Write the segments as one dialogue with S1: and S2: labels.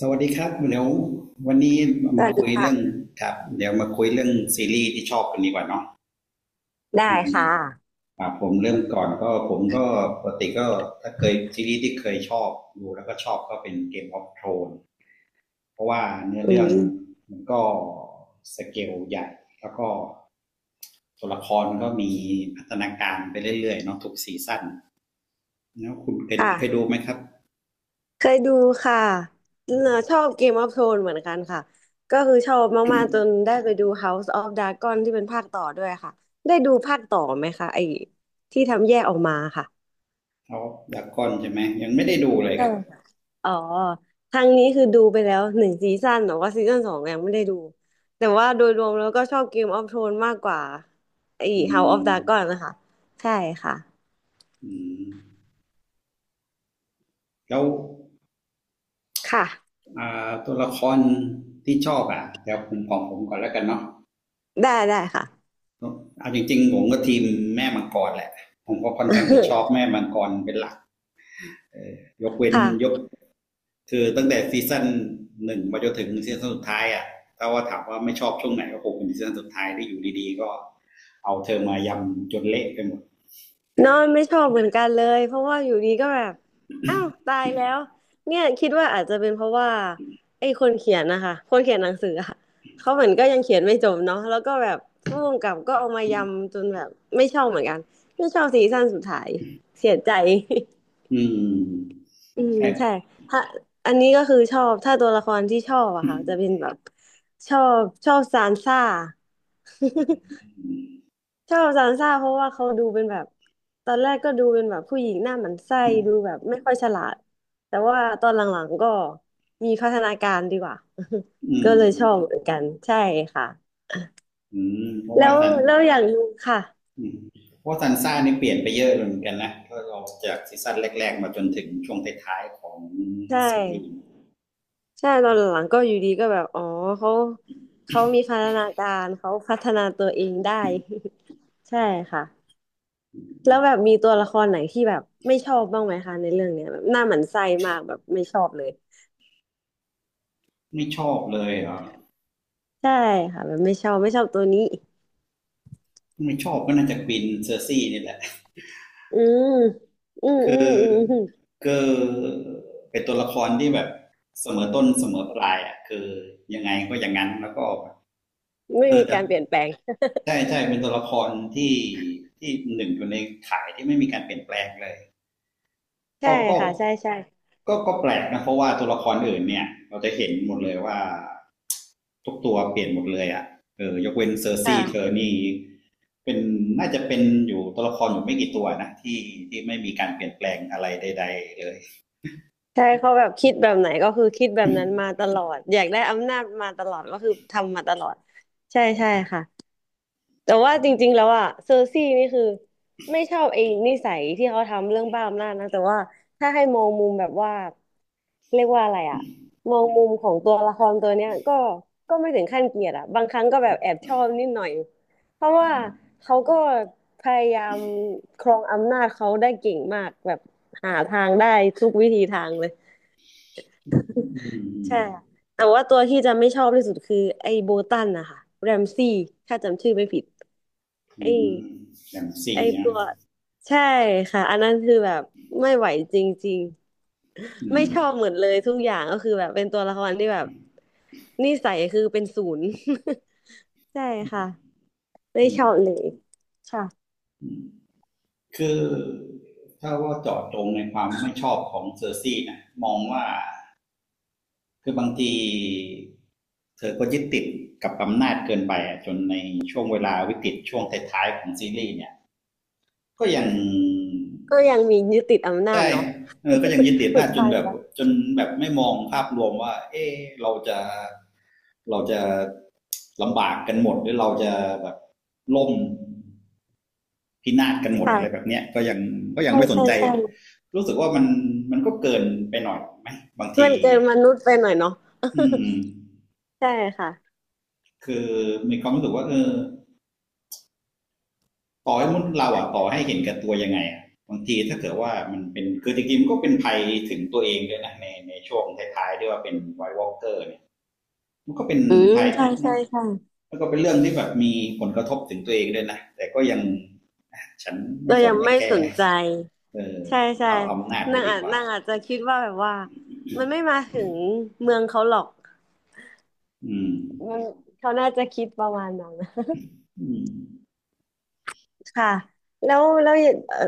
S1: สวัสดีครับเดี๋ยววันนี้
S2: ส
S1: มา
S2: วัส
S1: คุ
S2: ดี
S1: ยเรื่อง
S2: ค่ะ
S1: ครับเดี๋ยวมาคุยเรื่องซีรีส์ที่ชอบกันดีกว่าเนาะ
S2: ได้ค่ะ
S1: ผมเรื่องก่อนก็ผมก็ปกติก็ถ้าเคยซีรีส์ที่เคยชอบดูแล้วก็ชอบก็เป็นเกมออฟโทนเพราะว่าเนื้อ
S2: อื
S1: เรื่อง
S2: ม
S1: มันก็สเกลใหญ่แล้วก็ตัวละครก็มีพัฒนาการไปเรื่อยๆเนาะทุกซีซั่นแล้วคุณเคยดู
S2: ค่ะ
S1: ไหมครับ
S2: เคยดูค่ะเออ
S1: อื
S2: ชอ
S1: ม
S2: บ Game of Thrones เหมือนกันค่ะก็คือชอบมากๆจนได้ไปดู House of Dragon ที่เป็นภาคต่อด้วยค่ะได้ดูภาคต่อไหมคะไอ้ที่ทำแยกออกมาค่ะ
S1: ากก่อนใช่ไหมยังไม่ได้ดูเลยค
S2: ใช่
S1: รับ
S2: ค่ะอ๋อทางนี้คือดูไปแล้ว1 ซีซั่นแต่ว่าซีซั่น 2ยังไม่ได้ดูแต่ว่าโดยรวมแล้วก็ชอบ Game of Thrones มากกว่าไอ้ House of Dragon นะคะใช่ค่ะ
S1: แล้ว
S2: ค่ะ
S1: าตัวละครที่ชอบอ่ะเดี๋ยวผมของผมก่อนแล้วกันเนาะ
S2: ได้ได้ค่ะ
S1: เอาจริงๆผมก็ทีมแม่มังกรแหละผมก็ค่อนข้างจะชอบแม่ มังกรเป็นหลักยกเว้นยก
S2: ค่ะ
S1: คือตั้งแต่ซีซั่นหนึ่งมาจนถึงซีซั่นสุดท้ายอ่ะถ้าว่าถามว่าไม่ชอบช่วงไหนก็คงเป็นซีซั่นสุดท้ายที่อยู่ดีๆก็เอาเธอมายำจนเละไปหมด
S2: นอนไม่ชอบเหมือนกันเลยเพราะว่าอยู่ดีก็แบบอ้าวตายแล้วเนี่ยคิดว่าอาจจะเป็นเพราะว่าไอ้คนเขียนนะคะคนเขียนหนังสืออะเขาเหมือนก็ยังเขียนไม่จบเนาะแล้วก็แบบผู้กำกับก็เอามายำจนแบบไม่ชอบเหมือนกันไม่ชอบซีซั่นสุดท้ายเสียใจ
S1: อืม
S2: อืม
S1: ใช่
S2: ใช่ถ้าอันนี้ก็คือชอบถ้าตัวละครที่ชอบอะค่ะจะเป็นแบบชอบซานซ่า ชอบซานซ่าเพราะว่าเขาดูเป็นแบบตอนแรกก็ดูเป็นแบบผู้หญิงหน้าหมันไส้ดูแบบไม่ค่อยฉลาดแต่ว่าตอนหลังๆก็มีพัฒนาการดีกว่า
S1: อื
S2: ก็เลยช
S1: ม
S2: อบเหมือนกันใช่ค่ะ
S1: อืมเพราะ
S2: แล้
S1: ว่า
S2: ว
S1: สัน
S2: แล้วอย่างหนึงค่ะ
S1: อืมเพราะซันซ่านี่เปลี่ยนไปเยอะเหมือนกันนะถ้าเราจากซีซั่นแรกๆมาจนถึงช่วงท้ายๆของ
S2: ใช่
S1: ซีรีส์
S2: ใช่ตอนหลังๆก็อยู่ดีก็แบบอ๋อเขาเขามีพัฒนาการเขาพัฒนาตัวเองได้ ใช่ค่ะแล้วแบบมีตัวละครไหนที่แบบไม่ชอบบ้างไหมคะในเรื่องเนี้ยแบบหน้าหมันไส้มากแบบไม่ชอบเลย
S1: ไม่ชอบเลยเหรอ่ะ
S2: ใช่ค่ะแบบไม่ชอบไม่ชอบตัวนี้
S1: ไม่ชอบก็น่าจะกวินเซอร์ซี่นี่แหละ
S2: อืมอืม อื
S1: คื
S2: ม
S1: อ
S2: อืมอืม
S1: คือเป็นตัวละครที่แบบเสมอต้นเสมอปลายอ่ะคือยังไงก็อย่างนั้นแล้วก็
S2: ไม่
S1: เออ
S2: มี
S1: แต่
S2: การเปลี่ยนแปลง
S1: ใช่ใช่เป็นตัวละครที่ที่หนึ่งอยู่ในข่ายที่ไม่มีการเปลี่ยนแปลงเลย
S2: ใช่
S1: ก็ก็
S2: ค่ะใช่ใช่
S1: ก็แปลกนะเพราะว่าตัวละครอื่นเนี่ยเราจะเห็นหมดเลยว่า ทุกตัวเปลี่ยนหมดเลยอ่ะเออยกเว้นเซอร์ซี่เธอ
S2: ค่ะ
S1: นี่เป็นน่าจะเป็นอยู่ตัวละครอยู่ไม่กี่ตัวนะที่ที่ไม่มีการเปลี่ยนแปลงอะไรใดๆเลย
S2: ใช่เขาแบบคิดแบบไหนก็คือคิดแบบนั้น มาตลอดอยากได้อำนาจมาตลอดก็คือทำมาตลอดใช่ใช่ค่ะ แต่ว่า
S1: อื
S2: จริงๆ
S1: ม
S2: แล้วอะเซอร์ซี่นี่คือไม่ชอบไอ้นิสัยที่เขาทำเรื่องบ้าอำนาจนะแต่ว่าถ้าให้มองมุมแบบว่าเรียกว่าอะไรอะมองมุมของตัวละครตัวเนี้ยก็ไม่ถึงขั้นเกลียดอะบางครั้งก็แบบแอบชอบนิดหน่อยเพราะว่า
S1: อ
S2: เขาก็พยายามครองอำนาจเขาได้เก่งมากแบบหาทางได้ทุกวิธีทางเลย
S1: ืม
S2: ใช่ค่ะแต่ว่าตัวที่จะไม่ชอบที่สุดคือไอ้โบตันนะคะแรมซี่ถ้าจำชื่อไม่ผิด
S1: อื
S2: ไอ้
S1: มอย่าง
S2: ไอ
S1: สี่นะ
S2: ตัวใช่ค่ะอันนั้นคือแบบไม่ไหวจริง
S1: อื
S2: ๆไม่ชอบ
S1: ม
S2: เหมือนเลยทุกอย่างก็คือแบบเป็นตัวละครที่แบบนิสัยคือเป็นศูนย์ ใช่ค่ะไม่
S1: อื
S2: ชอบ
S1: ม
S2: เลยค่ะ
S1: คือถ้าว่าเจาะจงในความไม่ชอบของเซอร์ซี่นะมองว่าคือบางทีเธอก็ยึดติดกับอำนาจเกินไปอะจนในช่วงเวลาวิกฤตช่วงท้ายๆของซีรีส์เนี่ยก็ยัง
S2: ก็ยังมียึดติดอำนาจ
S1: ใช่
S2: เนาะ
S1: เออก็ยังยึดติดอำ
S2: สุ
S1: นา
S2: ด
S1: จจน
S2: ท้าย
S1: แบบ
S2: แล้ว
S1: จนแบบไม่มองภาพรวมว่าเอ๊ะเราจะเราจะลำบากกันหมดหรือเราจะแบบล่มพินาศกันหมดอะไรแบบ
S2: ค่ะ
S1: เนี้ยก็ยัง
S2: ใช่
S1: ไม่สน
S2: ใช่
S1: ใจ
S2: ใช่
S1: รู้สึกว่ามันก็เกินไปหน่อยไหมบางที
S2: มันเกินมนุษย์ไปหน่อยเนาะ
S1: อืม
S2: ใช่ค่ะ
S1: คือมีความรู้สึกว่าเออต่อให้มนุษย์เราอ่ะต่อให้เห็นแกับตัวยังไงอะบางทีถ้าเกิดว่ามันเป็นคือจริงๆมันก็เป็นภัยถึงตัวเองด้วยนะในในช่วงท้ายๆที่ว่าเป็นไวท์วอลกเกอร์เนี่ยมันก็เป็น
S2: อืม
S1: ภัย
S2: ใช่ใช่ใช่
S1: แล้วก็เป็นเรื่องที่แบบมีผลกระทบถึงตัวเองด้วยนะแต่ก็ยังฉันไม่
S2: เรา
S1: สน
S2: ยัง
S1: ไม่
S2: ไม่
S1: แค
S2: สน
S1: ร์
S2: ใจ
S1: เออ
S2: ใช่
S1: ฉัน
S2: ใช่
S1: เอาอำนาจไว้
S2: นาง
S1: ดี
S2: อาจ
S1: กว่า
S2: นางอาจจะคิดว่าแบบว่ามันไม่มาถึงเมืองเขาหรอก
S1: อืม
S2: มันเขาน่าจะคิดประมาณนั้น
S1: อืม
S2: ค่ะแล้วแล้วเอ่อ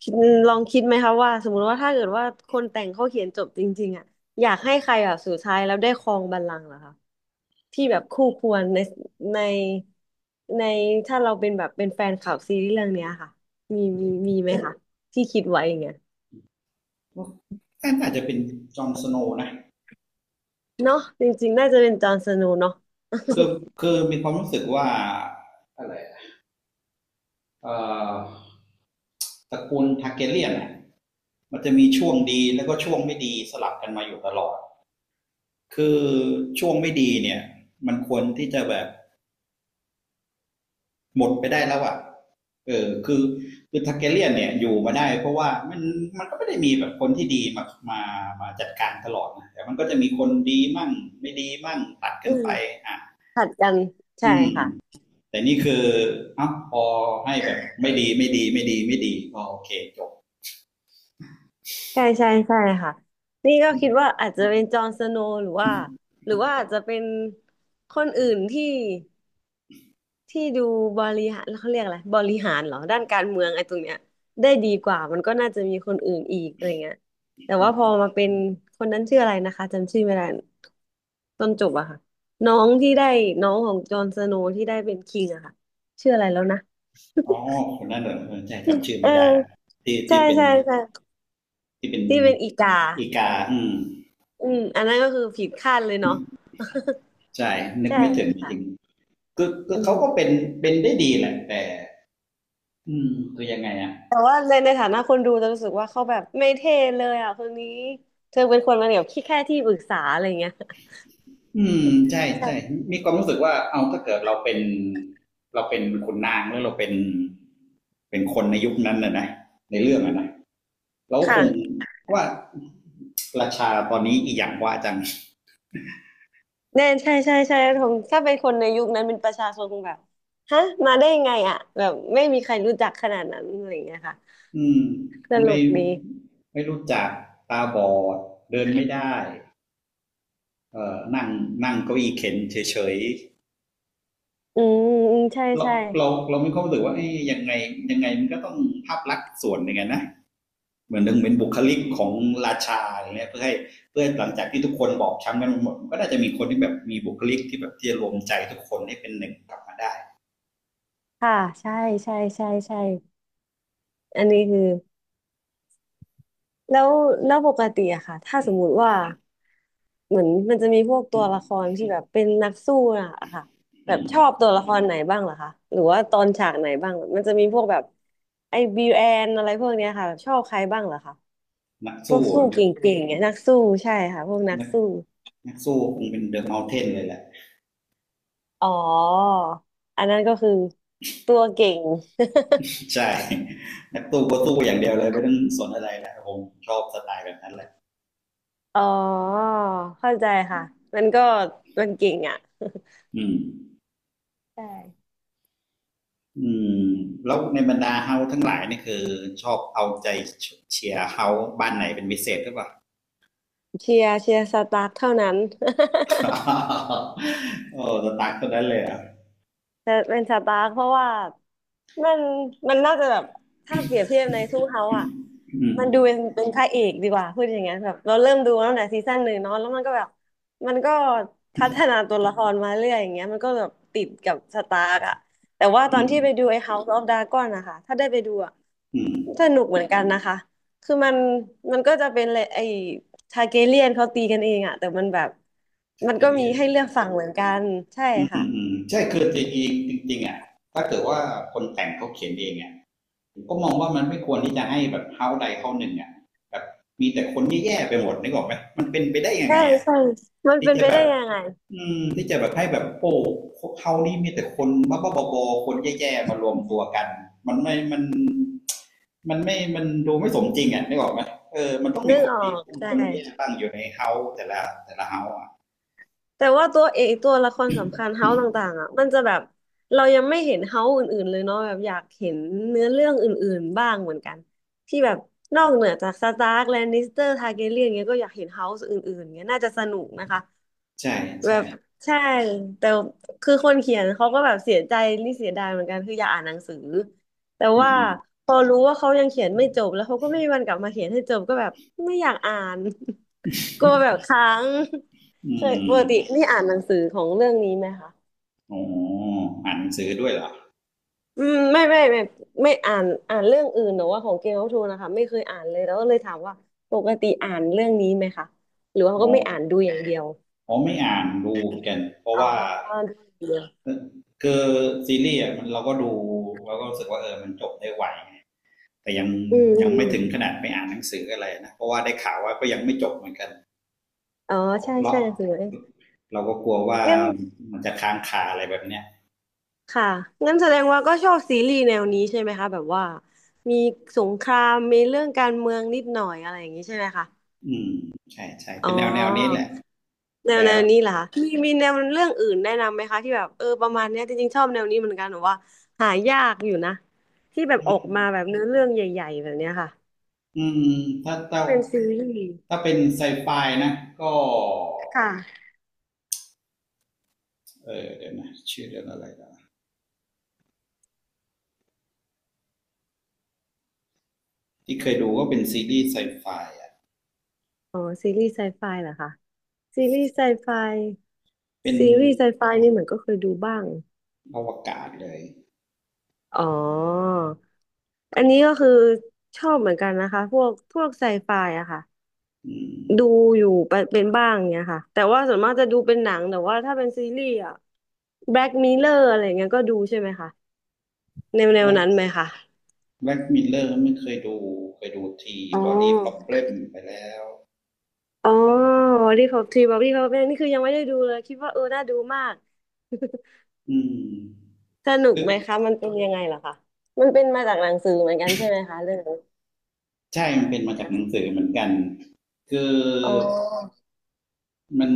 S2: คิดลองคิดไหมคะว่าสมมุติว่าถ้าเกิดว่าคนแต่งเขาเขียนจบจริงๆอ่ะอยากให้ใครแบบสุดท้ายแล้วได้ครองบัลลังก์เหรอคะที่แบบคู่ควรในในในถ้าเราเป็นแบบเป็นแฟนคลับซีรีส์เรื่องเนี้ยค่ะมีไหมคะที่คิดไว้อย่างเงี้ย
S1: ก็น่าจจะเป็นจอห์นสโนว์นะ
S2: เนาะจริงๆน่าจะเป็นจอห์นสโนว์เนาะ
S1: คือคือมีความรู้สึกว่าอะไรเอ่อตระกูลทาร์เกเลียนน่ะมันจะมีช่วงดีแล้วก็ช่วงไม่ดีสลับกันมาอยู่ตลอดคือช่วงไม่ดีเนี่ยมันควรที่จะแบบหมดไปได้แล้วอะ เออคือทาเกเลียนเนี่ยอยู่มาได้เพราะว่ามันก็ไม่ได้มีแบบคนที่ดีมามาจัดการตลอดนะแต่มันก็จะมีคนดีมั่งไม่ดีมั่งตัด
S2: อื
S1: กัน
S2: ม
S1: ไปอ่ะ
S2: ผัดกันใช่
S1: อืม
S2: ค่ะ
S1: แต่นี่คือเอ้าพอให้แบบไม่ดีไม่ดีไม่ดีไม่ดีอ๋อโอเคจบ
S2: ใช่ใช่ใช่ค่ะนี่ก็
S1: อื
S2: คิด
S1: ม
S2: ว่าอาจจะเป็นจอห์นสโนว์หรือว่าหรือว่าอาจจะเป็นคนอื่นที่ที่ดูบริหารเขาเรียกอะไรบริหารเหรอด้านการเมืองไอ้ตรงเนี้ยได้ดีกว่ามันก็น่าจะมีคนอื่นอีกอะไรเงี้ย
S1: อ
S2: แต่
S1: ื
S2: ว่าพอ
S1: ม
S2: มาเป็นคนนั้นชื่ออะไรนะคะจำชื่อไม่ได้ต้นจบอะค่ะน้องที่ได้น้องของจอห์นสโนว์ที่ได้เป็นคิงอะค่ะชื่ออะไรแล้วนะ
S1: อ๋อคนนั้นเหรอเออใช่จำ ชื่อ
S2: เ
S1: ไม่ได้อะ
S2: ออ
S1: ที่
S2: ใช่
S1: ที่เป็น
S2: ใช่ใช่
S1: ที่เป็น
S2: ที่เป็นอีกา
S1: อีกาอืม
S2: อืมอันนั้นก็คือผิดคาดเลยเนาะ
S1: ใช่ นึก
S2: ใช่
S1: ไม่ถึงจริง
S2: ค่ะ
S1: ๆคือ
S2: อื
S1: เขาก็เป็
S2: ม
S1: นเป็นได้ดีแหละแต่อืมคือยังไงอะ
S2: แต่ว่าในในฐานะคนดูจะรู้สึกว่าเขาแบบไม่เท่เลยอ่ะคนนี้เธอเป็นคนมาแบบที่แค่ที่ปรึกษาอะไรเงี้ย
S1: อืมใช่ใช่
S2: ใช่
S1: มีความรู้สึกว่าเอาถ้าเกิดเราเป็นขุนนางหรือเราเป็นเป็นคนในยุคนั้นนะนะในเรื่องอะนะเราก็ค
S2: ค่ะ
S1: งว่าราชาตอนนี้อีหยังวะจัง
S2: แน่ใช่ใช่ใช่ทงถ้าเป็นคนในยุคนั้นเป็นประชาชนคงแบบฮะมาได้ยังไงอ่ะแบบไม่มีใครรู้จักขนาดนั้นอะไรเงี้ยค่ะ
S1: อืม
S2: ตล
S1: ไม่
S2: กดี
S1: ไม่รู้จักตาบอดเดินไม่ได้นั่งนั่งเก้าอี้เข็นเฉย
S2: อืมอืมใช่
S1: ๆเรา
S2: ใช่
S1: เราเราไม่เข้ารู้สึกว่าเอ้ยยังไงยังไงมันก็ต้องภาพลักษณ์ส่วนหนึ่งอะนะ เหมือนหนึ่งเป็นบุคลิกของราชาอะไรเงี้ยเพื่อหลังจากที่ทุกคนบอบช้ำกันหมดก็น่าจะมีคนที่แบบมีบุคลิกที่แบบที่จะรวมใจทุกคนให้เป็นหนึ่งกลับมาได้
S2: ค่ะใช่ใช่ใช่ใช่อันนี้คือ แล้วแล้วปกติอะค่ะถ้าสมมุติว่าเหมือนมันจะมีพวกตัวละครที่แบบเป็นนักสู้อะค่ะแบบชอบตัวละครไหนบ้างเหรอคะหรือว่าตอนฉากไหนบ้างมันจะมีพวกแบบไอ้บิวแอนอะไรพวกเนี้ยค่ะแบบชอบใครบ้างเหรอคะ
S1: นัก
S2: พวก
S1: สู้
S2: สู้เก่งๆเนี่ยนักสู้ใช่ค่ะพวกนัก
S1: นัก
S2: สู้
S1: นักสู้คงเป็นเดอะเมลเทนเลยแหละ
S2: อ๋ออันนั้นก็คือตัวเก่ง
S1: ใช่นักสู้ก็สู้อย่างเดียวเลยไม่ต้องสนอะไรแหละผมชอบสไตล์แบบนั้นแหละ
S2: อ๋อเข้าใจค่ะมันก็มันเก่งอ่ะ
S1: อืม
S2: ใช่
S1: อืมแล้วในบรรดาเฮาทั้งหลายนี่คือชอบเอาใจเชียร์เฮาบ้านไหนเป็นพิเศษหรือเปล่า
S2: เชียร์สตาร์คเท่านั้น
S1: โอ้สตาร์ทคนนั้นเลยอ่ะ
S2: จะเป็นสตาร์คเพราะว่ามันมันน่าจะแบบถ้าเปรียบเทียบในทูเฮาอ่ะ
S1: อืม
S2: มันดูเป็นเป็นพระเอกดีกว่าพูดอย่างเงี้ยแบบเราเริ่มดูตั้งแต่ซีซั่นหนึ่งเนาะแล้วมันก็แบบมันก็พัฒนาตัวละครมาเรื่อยอย่างเงี้ยมันก็แบบติดกับสตาร์กอ่ะแต่ว่าตอนที่ไปดูไอ้ House of Dragon นะคะถ้าได้ไปดูอ่ะ
S1: อืม
S2: สนุกเหมือนกันนะคะคือมันมันก็จะเป็นเลยไอ้ทาร์เกเรียนเขาตีกันเองอ่ะแต่มันแบบ
S1: ส
S2: มัน
S1: เกล
S2: ก็
S1: เลี
S2: มี
S1: ยน
S2: ให้เลือกฝั่งเหมือนกันใช่ค่ะ
S1: ใช่คือจริงๆจริงๆอ่ะถ้าเกิดว่าคนแต่งเขาเขียนเองอ่ะผมก็มองว่ามันไม่ควรที่จะให้แบบเฮาใดเฮาหนึ่งอ่ะแบบมีแต่คนแย่ๆไปหมดนึกออกไหมมันเป็นไปได้ยัง
S2: ใช่
S1: ไงอ่ะ
S2: ใช่ มัน
S1: ที่
S2: เป็น
S1: จะ
S2: ไป
S1: แบ
S2: ได้
S1: บ
S2: ยังไง
S1: ที่จะแบบให้แบบโอ้เฮานี่มีแต่คนบ้าๆบอๆคนแย่ๆมารวมตัวกันมันไม่มันมันไม่มันดูไม่สมจริงอ่ะนึกออกไหมเออมันต้องมี
S2: นึก
S1: คน
S2: ออ
S1: ดี
S2: กใช
S1: คนแย่
S2: ่
S1: บ้างอยู่ในเฮาแต่ละแต่ละเฮาอ่ะ
S2: แต่ว่าตัวเอกตัวละครสำคัญเฮาต่างๆอ่ะมันจะแบบเรายังไม่เห็นเฮาอื่นๆเลยเนาะแบบอยากเห็นเนื้อเรื่องอื่นๆบ้างเหมือนกันที่แบบนอกเหนือจากสตาร์กแลนนิสเตอร์ทาร์แกเรียนเงี้ยก็อยากเห็นเฮาอื่นๆเงี้ยน่าจะสนุกนะคะ
S1: ใช่
S2: แบ
S1: ใช่
S2: บใช่แต่คือคนเขียนเขาก็แบบเสียใจนี่เสียดายเหมือนกันคืออยากอ่านหนังสือแต่
S1: อื
S2: ว่า
S1: ม
S2: พอรู้ว่าเขายังเขียนไม่จบแล้วเขาก็ไม่มีวันกลับมาเขียนให้จบก็แบบไม่อยากอ่าน กลัวแบบค้าง
S1: อื
S2: เคยปกติ
S1: ม
S2: นี่อ่านหนังสือของเรื่องนี้ไหมคะ
S1: อ๋ออ่านหนังสือด้วยเหรอ
S2: อืมไม่ไม่อ่านอ่านเรื่องอื่นแต่ว่าของเกมออฟโธนนะคะไม่เคยอ่านเลยแล้วก็เลยถามว่าปกติอ่านเรื่องนี้ไหมคะหรือว่า
S1: อ๋
S2: ก็
S1: อ
S2: ไม่อ่านดูอย่างเดียว
S1: อ๋อไม่อ่านดูกันเพราะ
S2: อ๋อ
S1: ว่า
S2: ดูอย่างเดียว
S1: คือซีรีส์อะมันเราก็ดูเราก็รู้สึกว่าเออมันจบได้ไวไงแต่ยัง
S2: อืมอื
S1: ยังไม่
S2: ม
S1: ถึงขนาดไปอ่านหนังสืออะไรนะเพราะว่าได้ข่าวว่าก็ยังไม่จบเหมือนกัน
S2: อ๋อ
S1: เรา
S2: ใช่
S1: เรา
S2: ใช่หนังสือเอง
S1: เราก็กลัวว่า
S2: งั้น
S1: มันจะค้างคาอะไรแบบเนี้ย
S2: ค่ะงั้นแสดงว่าก็ชอบซีรีส์แนวนี้ใช่ไหมคะแบบว่ามีสงครามมีเรื่องการเมืองนิดหน่อยอะไรอย่างนี้ใช่ไหมคะ
S1: อืมใช่ใช่
S2: อ๋
S1: เป็
S2: อ
S1: นแนวแนวนี้แหละ
S2: แนว
S1: แต่
S2: แนวนี้เหรอคะมีมีแนวเรื่องอื่นแนะนำไหมคะที่แบบเออประมาณเนี้ยจริงๆชอบแนวนี้เหมือนกันหนูว่าหายากอยู่นะที่แบบออกมาแบบเนื้อเรื่องใหญ่ๆแบบเนี้ยค่ะ
S1: อืม
S2: เป็นซีรีส์
S1: ถ้าเป็นไซไฟนะก็
S2: ค่ะ
S1: เออเดี๋ยวนะชื่อเรื่องอะไรนะ ที่เคยดูก็เป็นซีรีส์ไซไฟอ่ะ
S2: อ๋อซีรีส์ไซไฟเหรอคะซีรีส์ไซไฟ
S1: เป็น
S2: ซีรีส์ไซไฟนี่เหมือนก็เคยดูบ้าง
S1: อวกาศเลย
S2: อ๋อ อันนี้ก็คือชอบเหมือนกันนะคะพวกพวกไซไฟอะค่ะ
S1: อืม
S2: ดูอยู่ไปเป็นบ้างเนี่ยค่ะแต่ว่าส่วนมากจะดูเป็นหนังแต่ว่าถ้าเป็นซีรีส์อะ Black Mirror อะไรเงี้ยก็ดูใช่ไหมคะแนวแน
S1: แบ
S2: ว
S1: ล็ก
S2: นั้นไหมคะ
S1: มิลเลอร์ไม่เคยดูเคยดูที
S2: อ๋อ
S1: บอดี้ป o อบเล m ไปแล้ว
S2: อ๋อ Body Cop 3 Body Cop เนี่นี่คือยังไม่ได้ดูเลยคิดว่าเออน่าดูมาก
S1: อืม
S2: สนุ
S1: ห
S2: กไหม
S1: รือ
S2: คะมันเป็นยังไงเห่ะคะมันเป็นมาจากหนังสือเหมือนกันใช่ไหมคะเรื่องนี้
S1: ใช่มันเป็นมาจากหนังสือเหมือนกัน คือ
S2: อ๋อ
S1: มัน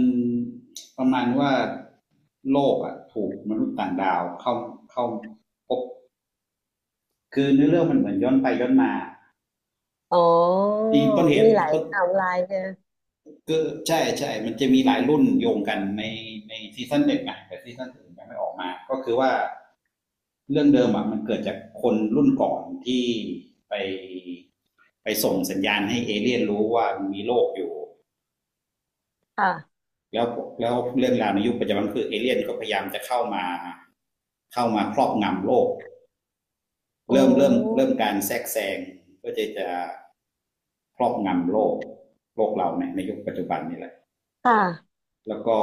S1: ประมาณว่าโลกอ่ะถูกมนุษย์ต่างดาวเข้าเข้าพบคือเนื้อเรื่องมันเหมือนย้อนไปย้อนมา
S2: อ๋อ
S1: ที่ต้นเห
S2: มี
S1: ตุ
S2: หลาย
S1: ต้น
S2: ไทม์ไลน์ใช่ไหม
S1: ก็ใช่ใช่ มันจะมีหลายรุ่นโยงกันในซีซั่นเด็ดไงแต่ซีซั่นอื่นยังไม่ออกมาก็คือว่าเรื่องเดิมอ่ะมันเกิดจากคนรุ่นก่อนที่ไปไปส่งสัญญาณให้เอเลี่ยนรู้ว่ามีโลกอยู่
S2: ค่ะ
S1: แล้วแล้วเรื่องราวในยุคปัจจุบันคือเอเลี่ยนก็พยายามจะเข้ามาเข้ามาครอบงำโลก
S2: โอ้
S1: เริ่มการแทรกแซงก็จะจะครอบงำโลกโลกเราในยุคปัจจุบันนี่แหละ
S2: ค่ะ
S1: แล้วก็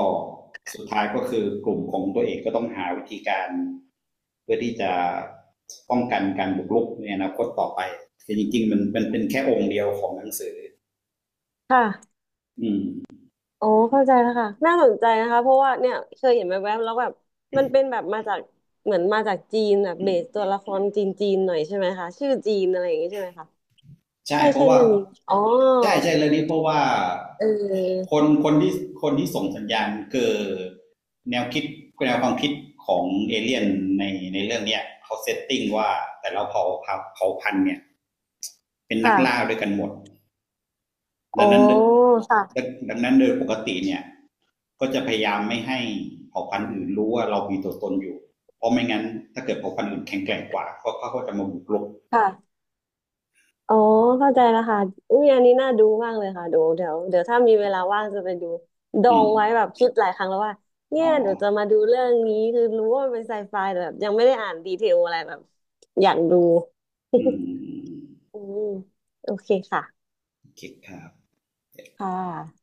S1: สุดท้ายก็คือกลุ่มของตัวเองก็ต้องหาวิธีการเพื่อที่จะป้องกันการบุกรุกในอนาคตต่อไปคือจริงๆมันเป็นแค่องค์เดียวของหนังสือ
S2: ค่ะ
S1: อืม
S2: โอ้เข้าใจแล้วค่ะน่าสนใจนะคะเพราะว่าเนี่ยเคยเห็นแวบๆแล้วแบบมันเป็นแบบมาจากเหมือนมาจากจีนแบบเบสตัวละครจีนจีนหน่อยใช่ไหมคะชื่อจีนอะไรอย่างงี้ใช่ไหมคะ
S1: ใช่
S2: ใช่
S1: เพ
S2: ใช่
S1: ราะว่า
S2: เรื่องนี้อ๋อ
S1: ใช่ใช่เรื่องนี้เพราะว่าค
S2: เออ
S1: นคนที่คนที่ส่งสัญญาณคือแนวคิดแนวความคิดของเอเลี่ยนในในเรื่องเนี้ยเขาเซตติ้งว่าแต่ละเผ่าพันธุ์เนี่ยเป็นนัก
S2: ค่ะ
S1: ล่าด้วยกันหมด ดัง
S2: โอ้
S1: นั้นด
S2: ค่ะ
S1: ดังนั้นโดยปกติเนี่ยก็จะพยายามไม่ให้เผ่าพันธุ์อื่นรู้ว่าเรามีตัวตนอยู่เพราะไม่งั้นถ้าเกิดเผ่าพันธุ์อื่นแข็งแกร่งกว่าเขาเขาก็จะมาบุกรุก
S2: ค่ะ อ๋อเข้าใจแล้วค่ะอุ้ยอันนี้น่าดูมากเลยค่ะดูวเดี๋ยวถ้ามีเวลาว่างจะไปดูดอ
S1: อื
S2: ง
S1: ม
S2: ไว้แบบคิดหลายครั้งแล้วว่าเนี่ย
S1: อ๋อ
S2: เดี๋ยวจะมาดูเรื่องนี้คือรู้ว่ามันเป็นไซไฟแต่แบบยังไม่ได้อ่านดีเทลอะไรแบบอยากดู
S1: อืม
S2: อืมโอเคค่ะ
S1: โอเคครับ
S2: ค่ะ